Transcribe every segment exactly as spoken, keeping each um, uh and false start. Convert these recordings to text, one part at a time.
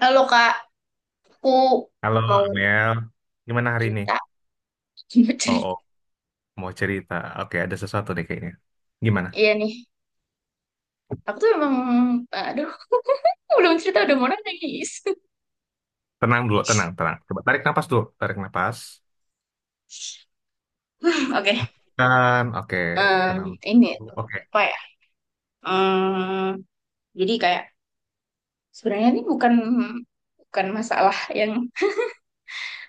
Halo Kak, aku Halo mau Amel, gimana hari ini? cerita, mau Oh, cerita. oh, mau cerita. Oke, ada sesuatu nih kayaknya. Gimana? Iya nih, aku tuh emang, aduh, belum cerita udah mau nangis. Tenang dulu, tenang, tenang. Coba tarik nafas dulu, tarik nafas. Oke. Dan, oke, Em, tenang. ini Dulu. tuh, Oke, apa ya? Em, jadi kayak sebenarnya ini bukan bukan masalah yang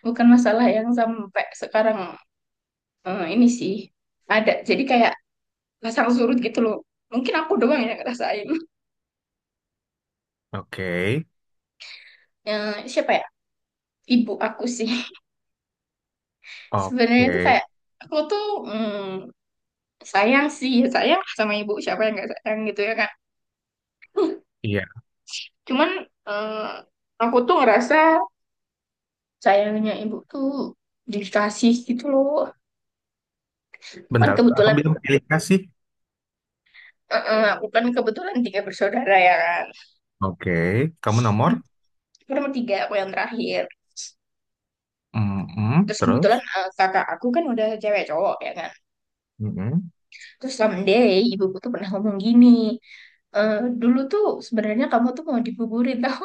bukan masalah yang sampai sekarang eh, ini sih ada. Jadi kayak pasang surut gitu loh. Mungkin aku doang yang ngerasain. oke, Yang siapa ya? Ibu aku sih. Sebenarnya itu oke. kayak aku tuh sayang sih, ya sayang lah sama ibu. Siapa yang nggak sayang gitu ya kan? Iya, Cuman eh, aku tuh ngerasa sayangnya ibu tuh dikasih gitu loh. Kan bentar. Kamu kebetulan, bilang pilih kasih. eh, eh, aku kan kebetulan tiga bersaudara ya kan. Oke, kamu nomor. Hmm. Aku nomor tiga, aku yang terakhir. Mm-mm, Terus kebetulan terus, eh, kakak aku kan udah cewek cowok ya kan. mm-mm. Terus someday ibuku tuh pernah ngomong gini, "Eh, dulu tuh sebenarnya kamu tuh mau dibuburin tau."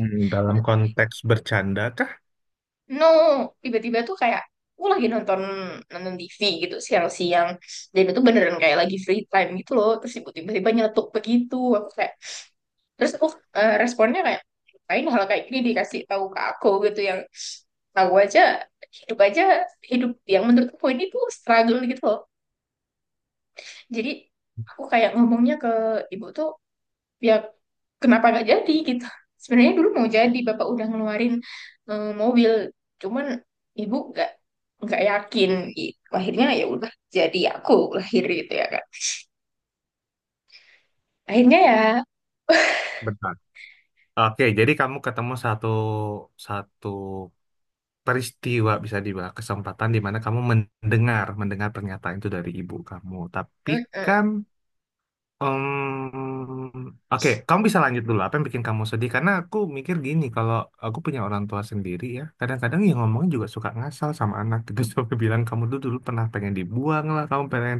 Mm, dalam konteks bercanda kah? No, tiba-tiba tuh kayak aku lagi nonton nonton T V gitu siang-siang dan itu beneran kayak lagi free time gitu loh, terus ibu tiba-tiba nyeletuk begitu aku kayak, terus aku eh, responnya kayak lain hal kayak gini dikasih tahu ke aku gitu, yang tahu aja, hidup aja, hidup yang menurut aku ini tuh struggle gitu loh. Jadi aku kayak ngomongnya ke ibu tuh, ya kenapa nggak jadi gitu, sebenarnya dulu mau jadi bapak udah ngeluarin eh, mobil, cuman ibu nggak nggak yakin gitu. Akhirnya ya udah jadi aku lahir gitu ya kan, akhirnya ya Bentar. Oke, jadi kamu ketemu satu satu peristiwa, bisa dibilang kesempatan di mana kamu mendengar mendengar pernyataan itu dari ibu kamu. Tapi mm-mm, kan, em, oke, kamu bisa lanjut dulu apa yang bikin kamu sedih, karena aku mikir gini, kalau aku punya orang tua sendiri ya, kadang-kadang yang ngomongnya juga suka ngasal sama anak gitu sampai bilang kamu dulu dulu pernah pengen dibuang lah, kamu pengen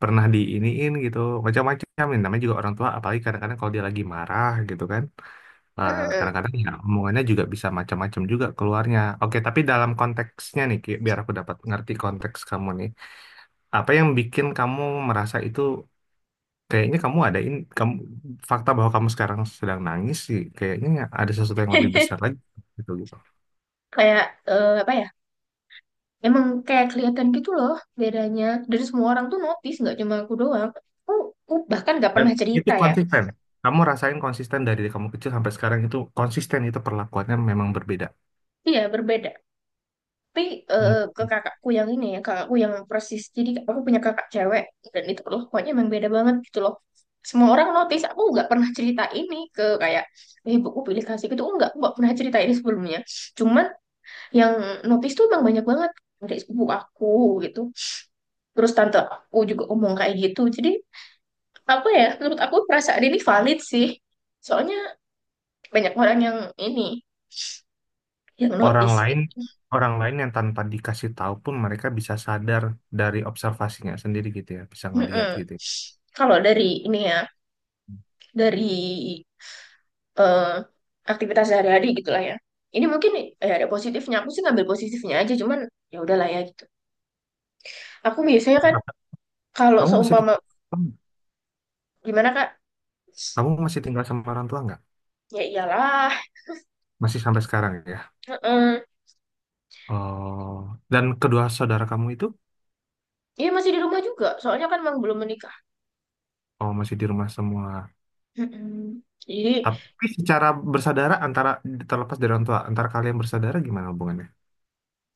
pernah diiniin gitu, macam-macam, yang namanya juga orang tua, apalagi kadang-kadang kalau dia lagi marah gitu kan. Nah, mm-mm. kadang-kadang ya omongannya juga bisa macam-macam juga keluarnya. Oke, tapi dalam konteksnya nih, Ki, biar aku dapat ngerti konteks kamu nih. Apa yang bikin kamu merasa itu, kayaknya kamu ada ini, kamu, fakta bahwa kamu sekarang sedang nangis sih, kayaknya ada sesuatu yang lebih besar lagi gitu gitu. Kayak eh, apa ya, emang kayak kelihatan gitu loh bedanya, dan semua orang tuh notice nggak cuma aku doang. aku, aku bahkan nggak Dan pernah itu cerita ya, konsisten. Kamu rasain konsisten dari kamu kecil sampai sekarang, itu konsisten, itu perlakuannya memang berbeda. iya berbeda, tapi eh, ke kakakku yang ini ya, kakakku yang persis, jadi aku punya kakak cewek dan itu perlakuannya emang beda banget gitu loh. Semua orang notice, aku nggak pernah cerita ini ke kayak eh ibuku pilih kasih gitu, enggak, aku nggak pernah cerita ini sebelumnya, cuman yang notice tuh emang banyak banget, dari sepupu aku gitu, terus tante aku juga ngomong kayak gitu. Jadi apa ya, menurut aku perasaan ini valid sih, soalnya banyak orang yang ini, yang orang notice lain gitu. orang lain yang tanpa dikasih tahu pun mereka bisa sadar, dari observasinya sendiri gitu ya, bisa ngelihat Mm-mm. gitu ya. Kalau dari ini ya, dari eh, aktivitas sehari-hari gitulah ya. Ini mungkin ya ada positifnya. Aku sih ngambil positifnya aja, cuman ya udahlah ya gitu. Aku biasanya kan Berapa- kalau kamu masih seumpama tinggal gimana Kak? kamu masih tinggal sama orang tua nggak? Ya iyalah. Masih sampai sekarang ya? Heeh. Oh, dan kedua saudara kamu itu? Iya masih di rumah juga. Soalnya kan memang belum menikah. Oh, masih di rumah semua. Heeh. Jadi Tapi secara bersaudara, antara, terlepas dari orang tua, antara kalian bersaudara, gimana hubungannya?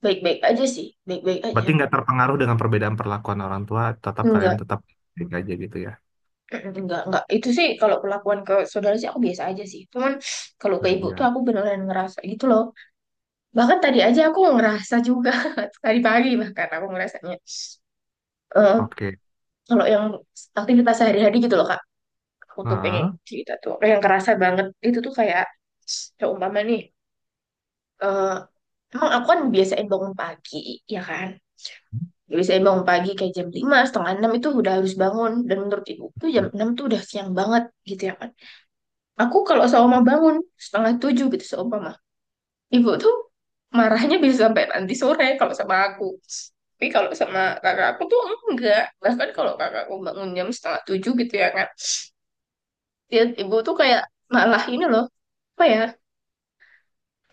baik-baik aja sih, baik-baik aja. Berarti nggak terpengaruh dengan perbedaan perlakuan orang tua, tetap kalian Enggak. tetap baik aja gitu ya. Enggak, enggak. Itu sih kalau perlakuan ke saudara sih aku biasa aja sih. Cuman kalau ke Nah, ibu iya. tuh aku beneran ngerasa gitu loh. Bahkan tadi aja aku ngerasa juga tadi pagi bahkan aku ngerasanya. Eh, Oke. kalau yang aktivitas sehari-hari gitu loh kak, aku tuh pengen Heeh. cerita tuh yang kerasa banget itu tuh kayak ya umpama nih, eh emang aku kan biasain bangun pagi ya kan, biasain bangun pagi kayak jam lima setengah enam itu udah harus bangun, dan menurut ibu tuh jam enam tuh udah siang banget gitu ya kan. Aku kalau seumpama bangun setengah tujuh gitu seumpama, ibu tuh marahnya bisa sampai nanti sore kalau sama aku. Tapi kalau sama kakak aku tuh enggak, bahkan kalau kakak aku bangun jam setengah tujuh gitu ya kan, dia ibu tuh kayak malah ini loh, apa ya,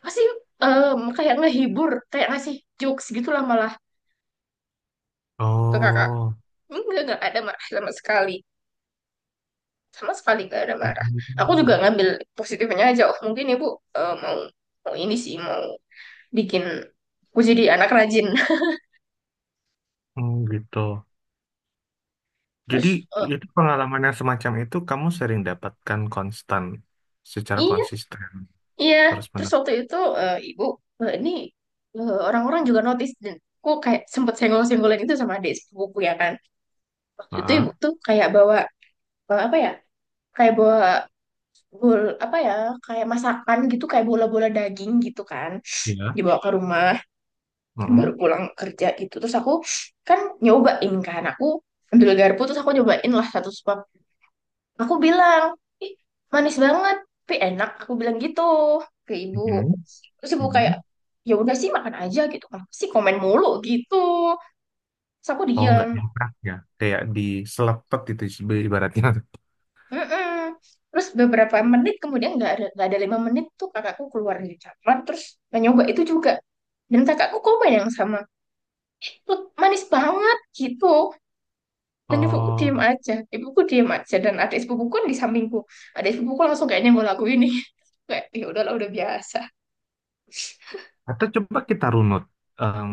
masih em, kayak ngehibur, kayak ngasih jokes gitulah malah ke kakak, Oh. enggak nggak ada marah sama sekali, sama sekali nggak ada marah. Aku juga Hmm. ngambil positifnya aja, oh mungkin ibu eh, mau mau ini sih, mau bikin aku jadi anak rajin. Oh gitu. Jadi Terus eh, itu pengalaman yang semacam itu kamu sering dapatkan, konstan secara iya konsisten iya, terus terus menerus. waktu itu eh, ibu eh, ini eh, orang-orang juga notice, dan aku kayak sempet senggol-senggolan itu sama adik sepupuku ya kan, waktu itu Heeh, ibu tuh kayak bawa eh, apa ya, kayak bola, bol apa ya, kayak masakan gitu, kayak bola-bola daging gitu kan, iya. dibawa ke rumah baru Heeh. pulang kerja gitu, terus aku kan nyobain kan, aku ambil garpu terus aku nyobain lah satu suap, aku bilang ih manis banget tapi enak aku bilang gitu ke ibu. Mhm, Terus ibu kayak mhm. ya udah sih makan aja gitu, kenapa sih komen mulu gitu. Terus aku Oh nggak diam. nyetak ya, kayak diselepet itu ibaratnya. Mm-mm. Terus beberapa menit kemudian, nggak ada nggak ada lima menit tuh kakakku keluar dari kamar, terus nyoba itu juga, dan kakakku komen yang sama itu, manis banget gitu. Dan ibuku diem Oh, aja ibuku diem aja. Dan adik sepupuku kan di sampingku, adik sepupuku langsung kayaknya nggak laku ini kayak ya udahlah udah biasa. atau coba kita runut. Em,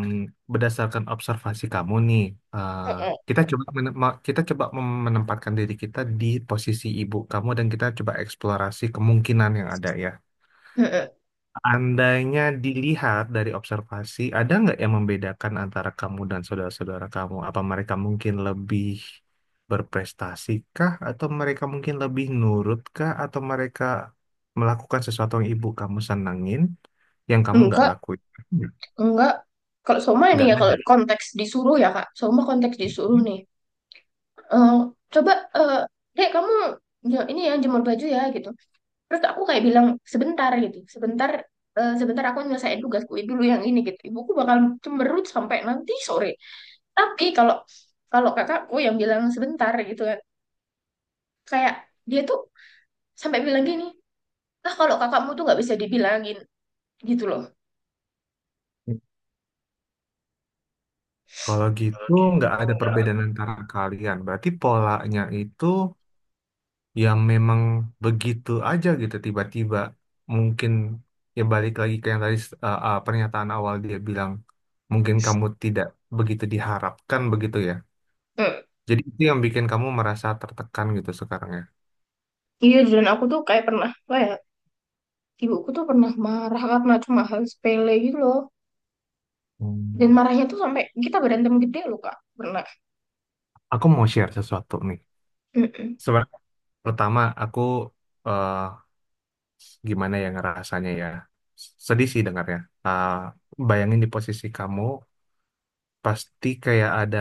Berdasarkan observasi kamu nih. eh, Mm-mm. kita coba menem- ma- kita coba mem- menempatkan diri kita di posisi ibu kamu, dan kita coba eksplorasi kemungkinan yang ada ya. Andainya dilihat dari observasi, ada nggak yang membedakan antara kamu dan saudara-saudara kamu? Apa mereka mungkin lebih berprestasi kah? Atau mereka mungkin lebih nurut kah? Atau mereka melakukan sesuatu yang ibu kamu senengin, yang kamu nggak Enggak, lakuin? enggak. Kalau Soma ini Nggak ya, kalau ada. konteks disuruh ya kak Soma, konteks disuruh nih. Eh, Coba eh dek kamu ya, ini ya jemur baju ya gitu. Terus aku kayak bilang sebentar gitu, sebentar, eh, sebentar aku nyelesain tugasku dulu yang ini gitu. Ibuku bakal cemberut sampai nanti sore. Tapi kalau kalau kakakku yang bilang sebentar gitu kan, kayak dia tuh sampai bilang gini, ah kalau kakakmu tuh nggak bisa dibilangin gitu loh. Kalau gitu, nggak ada perbedaan antara kalian. Berarti polanya itu yang memang begitu aja gitu tiba-tiba. Mungkin, ya, balik lagi ke yang tadi, eh, eh, pernyataan awal dia bilang mungkin kamu tidak begitu diharapkan, begitu ya, Hmm. jadi itu yang bikin kamu merasa tertekan gitu sekarang ya. Iya, dan aku tuh kayak pernah kayak ibuku tuh pernah marah karena cuma hal sepele gitu loh. Dan Hmm. marahnya tuh sampai kita berantem gede loh Kak. Pernah. Aku mau share sesuatu nih. Mm-mm. Sebenarnya, pertama, aku, eh, gimana ya ngerasanya ya, sedih sih dengarnya. Eh, bayangin di posisi kamu, pasti kayak ada,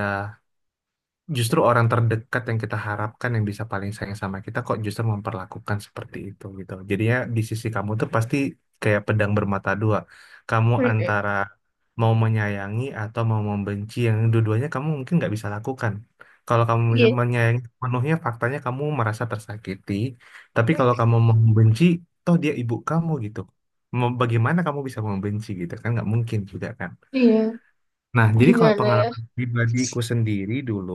justru orang terdekat yang kita harapkan yang bisa paling sayang sama kita kok justru memperlakukan seperti itu gitu. Jadinya di sisi kamu tuh pasti kayak pedang bermata dua. Kamu Mm-mm. antara mau menyayangi atau mau membenci, yang dua-duanya kamu mungkin nggak bisa lakukan. Kalau kamu bisa Iya. menyayangi penuhnya, faktanya kamu merasa tersakiti. Tapi kalau Mm-mm. kamu mau membenci, toh dia ibu kamu gitu. Mau- Bagaimana kamu bisa membenci gitu, kan nggak mungkin juga kan. Iya. Nah, jadi kalau Gimana ya? pengalaman pribadiku sendiri dulu,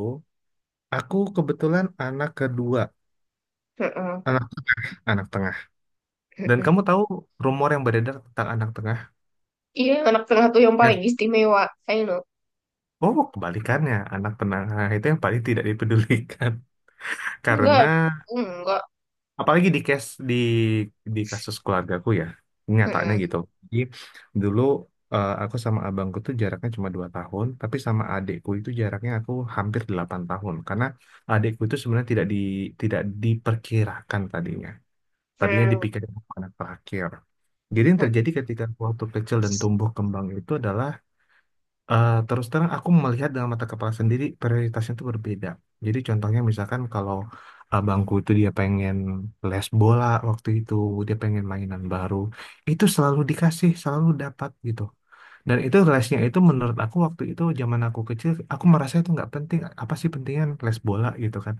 aku kebetulan anak kedua, Mm-mm. anak anak tengah. Dan Mm-mm. kamu tahu rumor yang beredar tentang anak tengah? Iya, anak tengah tuh yang paling Ya, istimewa. I know. oh kebalikannya, anak tengah, nah, itu yang paling tidak dipedulikan. Karena Enggak, enggak. apalagi di case, di di kasus keluargaku ya, nyatanya Mm-mm. gitu. Jadi dulu, eh, aku sama abangku tuh jaraknya cuma dua tahun, tapi sama adikku itu jaraknya aku hampir delapan tahun. Karena adikku itu sebenarnya tidak di tidak diperkirakan tadinya. Tadinya Mm. dipikirin anak terakhir. Jadi yang terjadi ketika aku waktu kecil dan tumbuh kembang itu adalah, eh, terus terang aku melihat dengan mata kepala sendiri prioritasnya itu berbeda. Jadi contohnya misalkan kalau abangku itu dia pengen les bola waktu itu, dia pengen mainan baru, itu selalu dikasih, selalu dapat gitu. Dan itu lesnya itu menurut aku waktu itu, zaman aku kecil, aku merasa itu nggak penting. Apa sih pentingnya les bola gitu kan?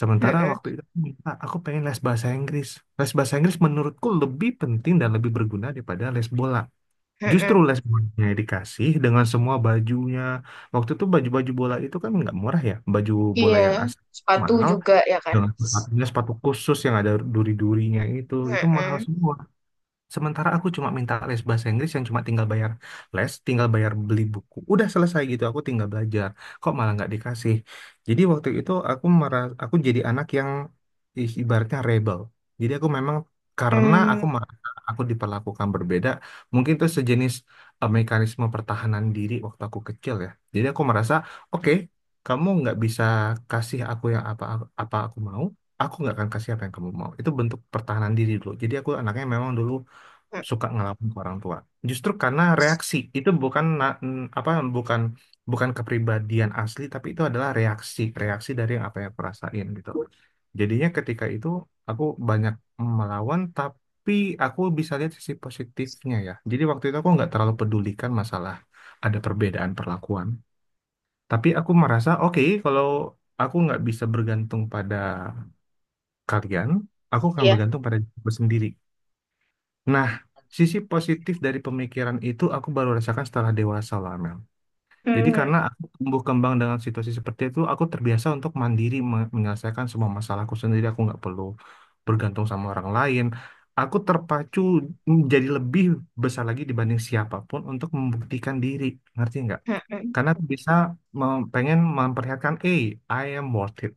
Sementara Mm-mm. waktu itu aku minta, aku pengen les bahasa Inggris. Les bahasa Inggris menurutku lebih penting dan lebih berguna daripada les bola. Justru Mm-mm. les bolanya dikasih dengan semua bajunya. Waktu itu baju-baju bola itu kan nggak murah ya. Baju bola Iya, yang asli sepatu mahal, juga ya kan. dengan sepatunya, sepatu khusus yang ada duri-durinya itu. Itu mahal Mm-mm. semua. Sementara aku cuma minta les bahasa Inggris yang cuma tinggal bayar les, tinggal bayar beli buku. Udah selesai gitu, aku tinggal belajar. Kok malah nggak dikasih? Jadi waktu itu aku merasa, aku jadi anak yang, i- ibaratnya rebel. Jadi aku memang, karena aku Mm. merasa aku diperlakukan berbeda, mungkin itu sejenis, eh, mekanisme pertahanan diri waktu aku kecil ya. Jadi aku merasa, oke, kamu nggak bisa kasih aku yang apa, apa aku mau, aku nggak akan kasih apa yang kamu mau. Itu bentuk pertahanan diri dulu. Jadi aku anaknya memang dulu Mm. suka ngelawan ke orang tua. Justru karena reaksi itu bukan na- n- apa bukan bukan kepribadian asli, tapi itu adalah reaksi, reaksi dari yang apa yang aku rasain gitu. Jadinya ketika itu aku banyak melawan, tapi aku bisa lihat sisi positifnya ya. Jadi waktu itu aku nggak terlalu pedulikan masalah ada perbedaan perlakuan. Tapi aku merasa oke, kalau aku nggak bisa bergantung pada kalian, aku akan Iya. bergantung pada diriku sendiri. Nah, sisi positif dari pemikiran itu aku baru rasakan setelah dewasa lah, Mel. Jadi Mm. karena aku tumbuh kembang dengan situasi seperti itu, aku terbiasa untuk mandiri, me- menyelesaikan semua masalahku sendiri. Aku nggak perlu bergantung sama orang lain. Aku terpacu jadi lebih besar lagi dibanding siapapun untuk membuktikan diri. Ngerti nggak? Mm-mm. Karena aku bisa, mem- pengen memperlihatkan, eh, I am worth it.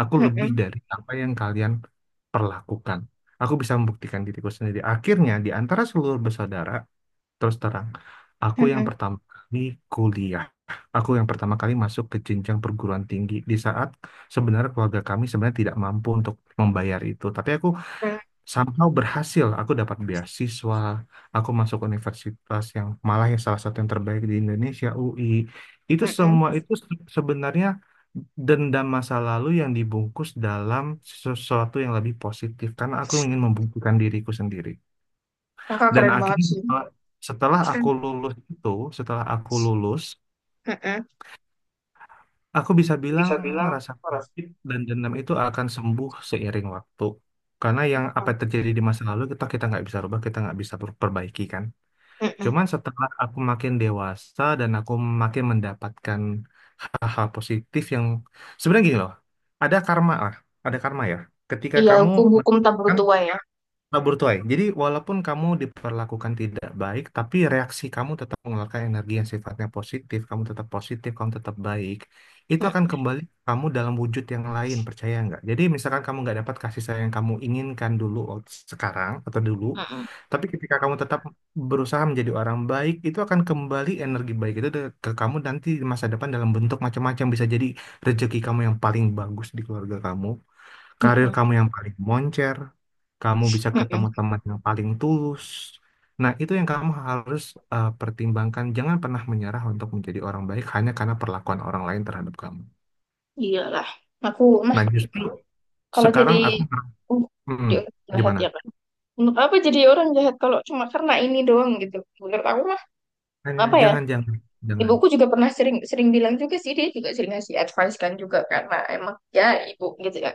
Aku lebih Mm-mm. dari apa yang kalian perlakukan. Aku bisa membuktikan diriku sendiri. Akhirnya, di antara seluruh bersaudara, terus terang, aku yang Mm-mm. pertama kali kuliah. Aku yang pertama kali masuk ke jenjang perguruan tinggi di saat sebenarnya keluarga kami sebenarnya tidak mampu untuk membayar itu. Tapi aku somehow berhasil, aku dapat beasiswa, aku masuk universitas yang malah, ya, salah satu yang terbaik di Indonesia, U I. Itu Mm-mm. semua itu se- sebenarnya dendam masa lalu yang dibungkus dalam sesuatu yang lebih positif, karena aku ingin membuktikan diriku sendiri. Kakak Dan keren banget akhirnya, sih. setelah, setelah aku Keren. lulus itu setelah aku lulus Mm-mm. aku bisa bilang Bisa bilang rasa parah. sakit dan dendam itu akan sembuh seiring waktu. Karena yang apa yang terjadi di masa lalu kita kita nggak bisa rubah, kita nggak bisa per- perbaiki kan. Mm-mm. Cuman setelah aku makin dewasa dan aku makin mendapatkan hal-hal positif, yang sebenarnya gini loh, ada karma lah, ada karma ya. Ketika Iya, kamu hukum-hukum tak mendapatkan. tua ya. Kabur tuai. Jadi walaupun kamu diperlakukan tidak baik, tapi reaksi kamu tetap mengeluarkan energi yang sifatnya positif, kamu tetap positif, kamu tetap baik, itu Mm. akan kembali ke kamu dalam wujud yang lain, percaya nggak? Jadi misalkan kamu nggak dapat kasih sayang yang kamu inginkan dulu, wak- sekarang atau dulu, Mm-mm. tapi ketika kamu tetap berusaha menjadi orang baik, itu akan kembali, energi baik itu de- ke kamu nanti di masa depan dalam bentuk macam-macam, bisa jadi rezeki kamu yang paling bagus di keluarga kamu, karir Mm-mm. kamu yang paling moncer, kamu bisa ketemu Mm-mm. teman yang paling tulus. Nah, itu yang kamu harus, eh, pertimbangkan. Jangan pernah menyerah untuk menjadi orang baik hanya karena perlakuan orang lain terhadap kamu. Iyalah. Aku mah Nah, justru kalau jadi sekarang aku, uh, di hmm, universitas gimana? ya kan? Untuk apa jadi orang jahat kalau cuma karena ini doang gitu. Menurut aku mah Eh, apa ya? Jangan, jangan, jangan. Ibuku juga pernah sering sering bilang juga sih, dia juga sering ngasih advice kan, juga karena emang ya ibu gitu ya.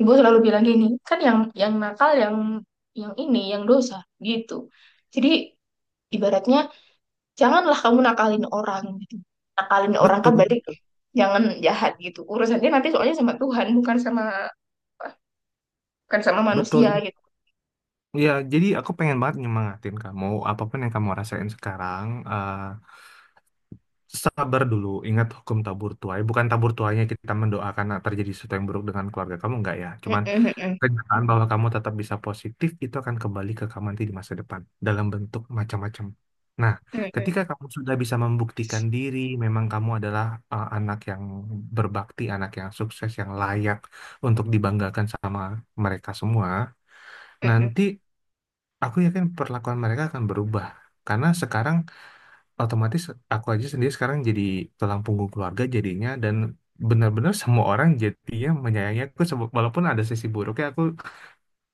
Ibu selalu bilang gini, kan yang yang nakal yang yang ini yang dosa gitu. Jadi ibaratnya janganlah kamu nakalin orang gitu. Nakalin orang kan Betul, berarti jangan jahat gitu. Urusannya nanti soalnya sama Tuhan, bukan sama bukan sama betul. manusia gitu. Ya, jadi aku pengen banget nyemangatin kamu. Apapun yang kamu rasain sekarang, eh, sabar dulu. Ingat hukum tabur tuai. Bukan tabur tuainya kita mendoakan terjadi sesuatu yang buruk dengan keluarga kamu, enggak ya. Mm, Cuman mm, mm, kenyataan bahwa kamu tetap bisa positif itu akan kembali ke kamu nanti di masa depan dalam bentuk macam-macam. Nah, mm, mm, ketika kamu sudah bisa membuktikan diri, memang kamu adalah, uh, anak yang berbakti, anak yang sukses, yang layak untuk dibanggakan sama mereka semua. mm, mm. Nanti aku yakin perlakuan mereka akan berubah. Karena sekarang otomatis, aku aja sendiri sekarang jadi tulang punggung keluarga jadinya, dan benar-benar semua orang jadinya menyayangi aku, sebe- walaupun ada sisi buruknya, aku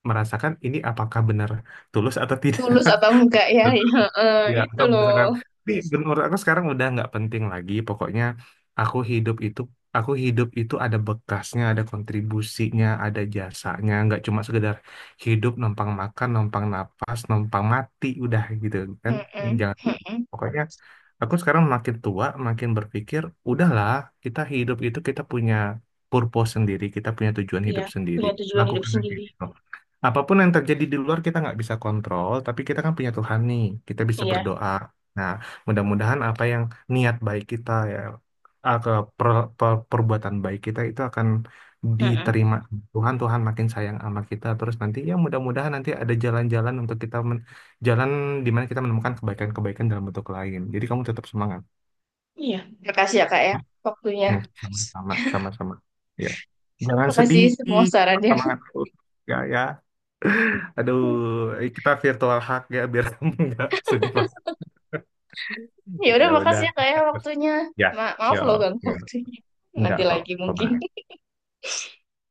merasakan ini apakah benar tulus atau tidak. Tulus atau enggak ya, ya eh, Ya, itu atau misalkan, loh. tapi menurut aku sekarang udah nggak penting lagi. Pokoknya aku hidup itu aku hidup itu ada bekasnya, ada kontribusinya, ada jasanya. Nggak cuma sekedar hidup numpang makan, numpang napas, numpang mati, udah gitu kan. Mm-mm, Jangan. mm-mm. Pokoknya aku sekarang makin tua, makin berpikir, udahlah, kita hidup itu kita punya purpose sendiri, kita punya tujuan Iya, hidup sendiri. punya tujuan hidup Lakukan aja sendiri. gitu. Apapun yang terjadi di luar kita nggak bisa kontrol, tapi kita kan punya Tuhan nih, kita bisa Iya. berdoa. Nah, mudah-mudahan apa yang, niat baik kita ya, ah, ke per- per- perbuatan baik kita itu akan Mm-mm. diterima Tuhan. Tuhan makin sayang sama kita. Terus nanti ya mudah-mudahan nanti ada jalan-jalan untuk kita, jalan di mana kita menemukan kebaikan-kebaikan dalam bentuk lain. Jadi kamu tetap semangat. Iya, makasih ya kak ya, waktunya, Hmm, sama-sama, sama-sama. Ya. Jangan sedih, makasih semua tetap sarannya. semangat terus. Ya, ya. Aduh, kita virtual hug ya biar kamu nggak sedih banget. Ya udah, Ya udah. makasih ya kak ya, Terus. waktunya. Ya, Ma- maaf ya, loh ganggu ya. waktunya, Enggak nanti kok. lagi mungkin Coba.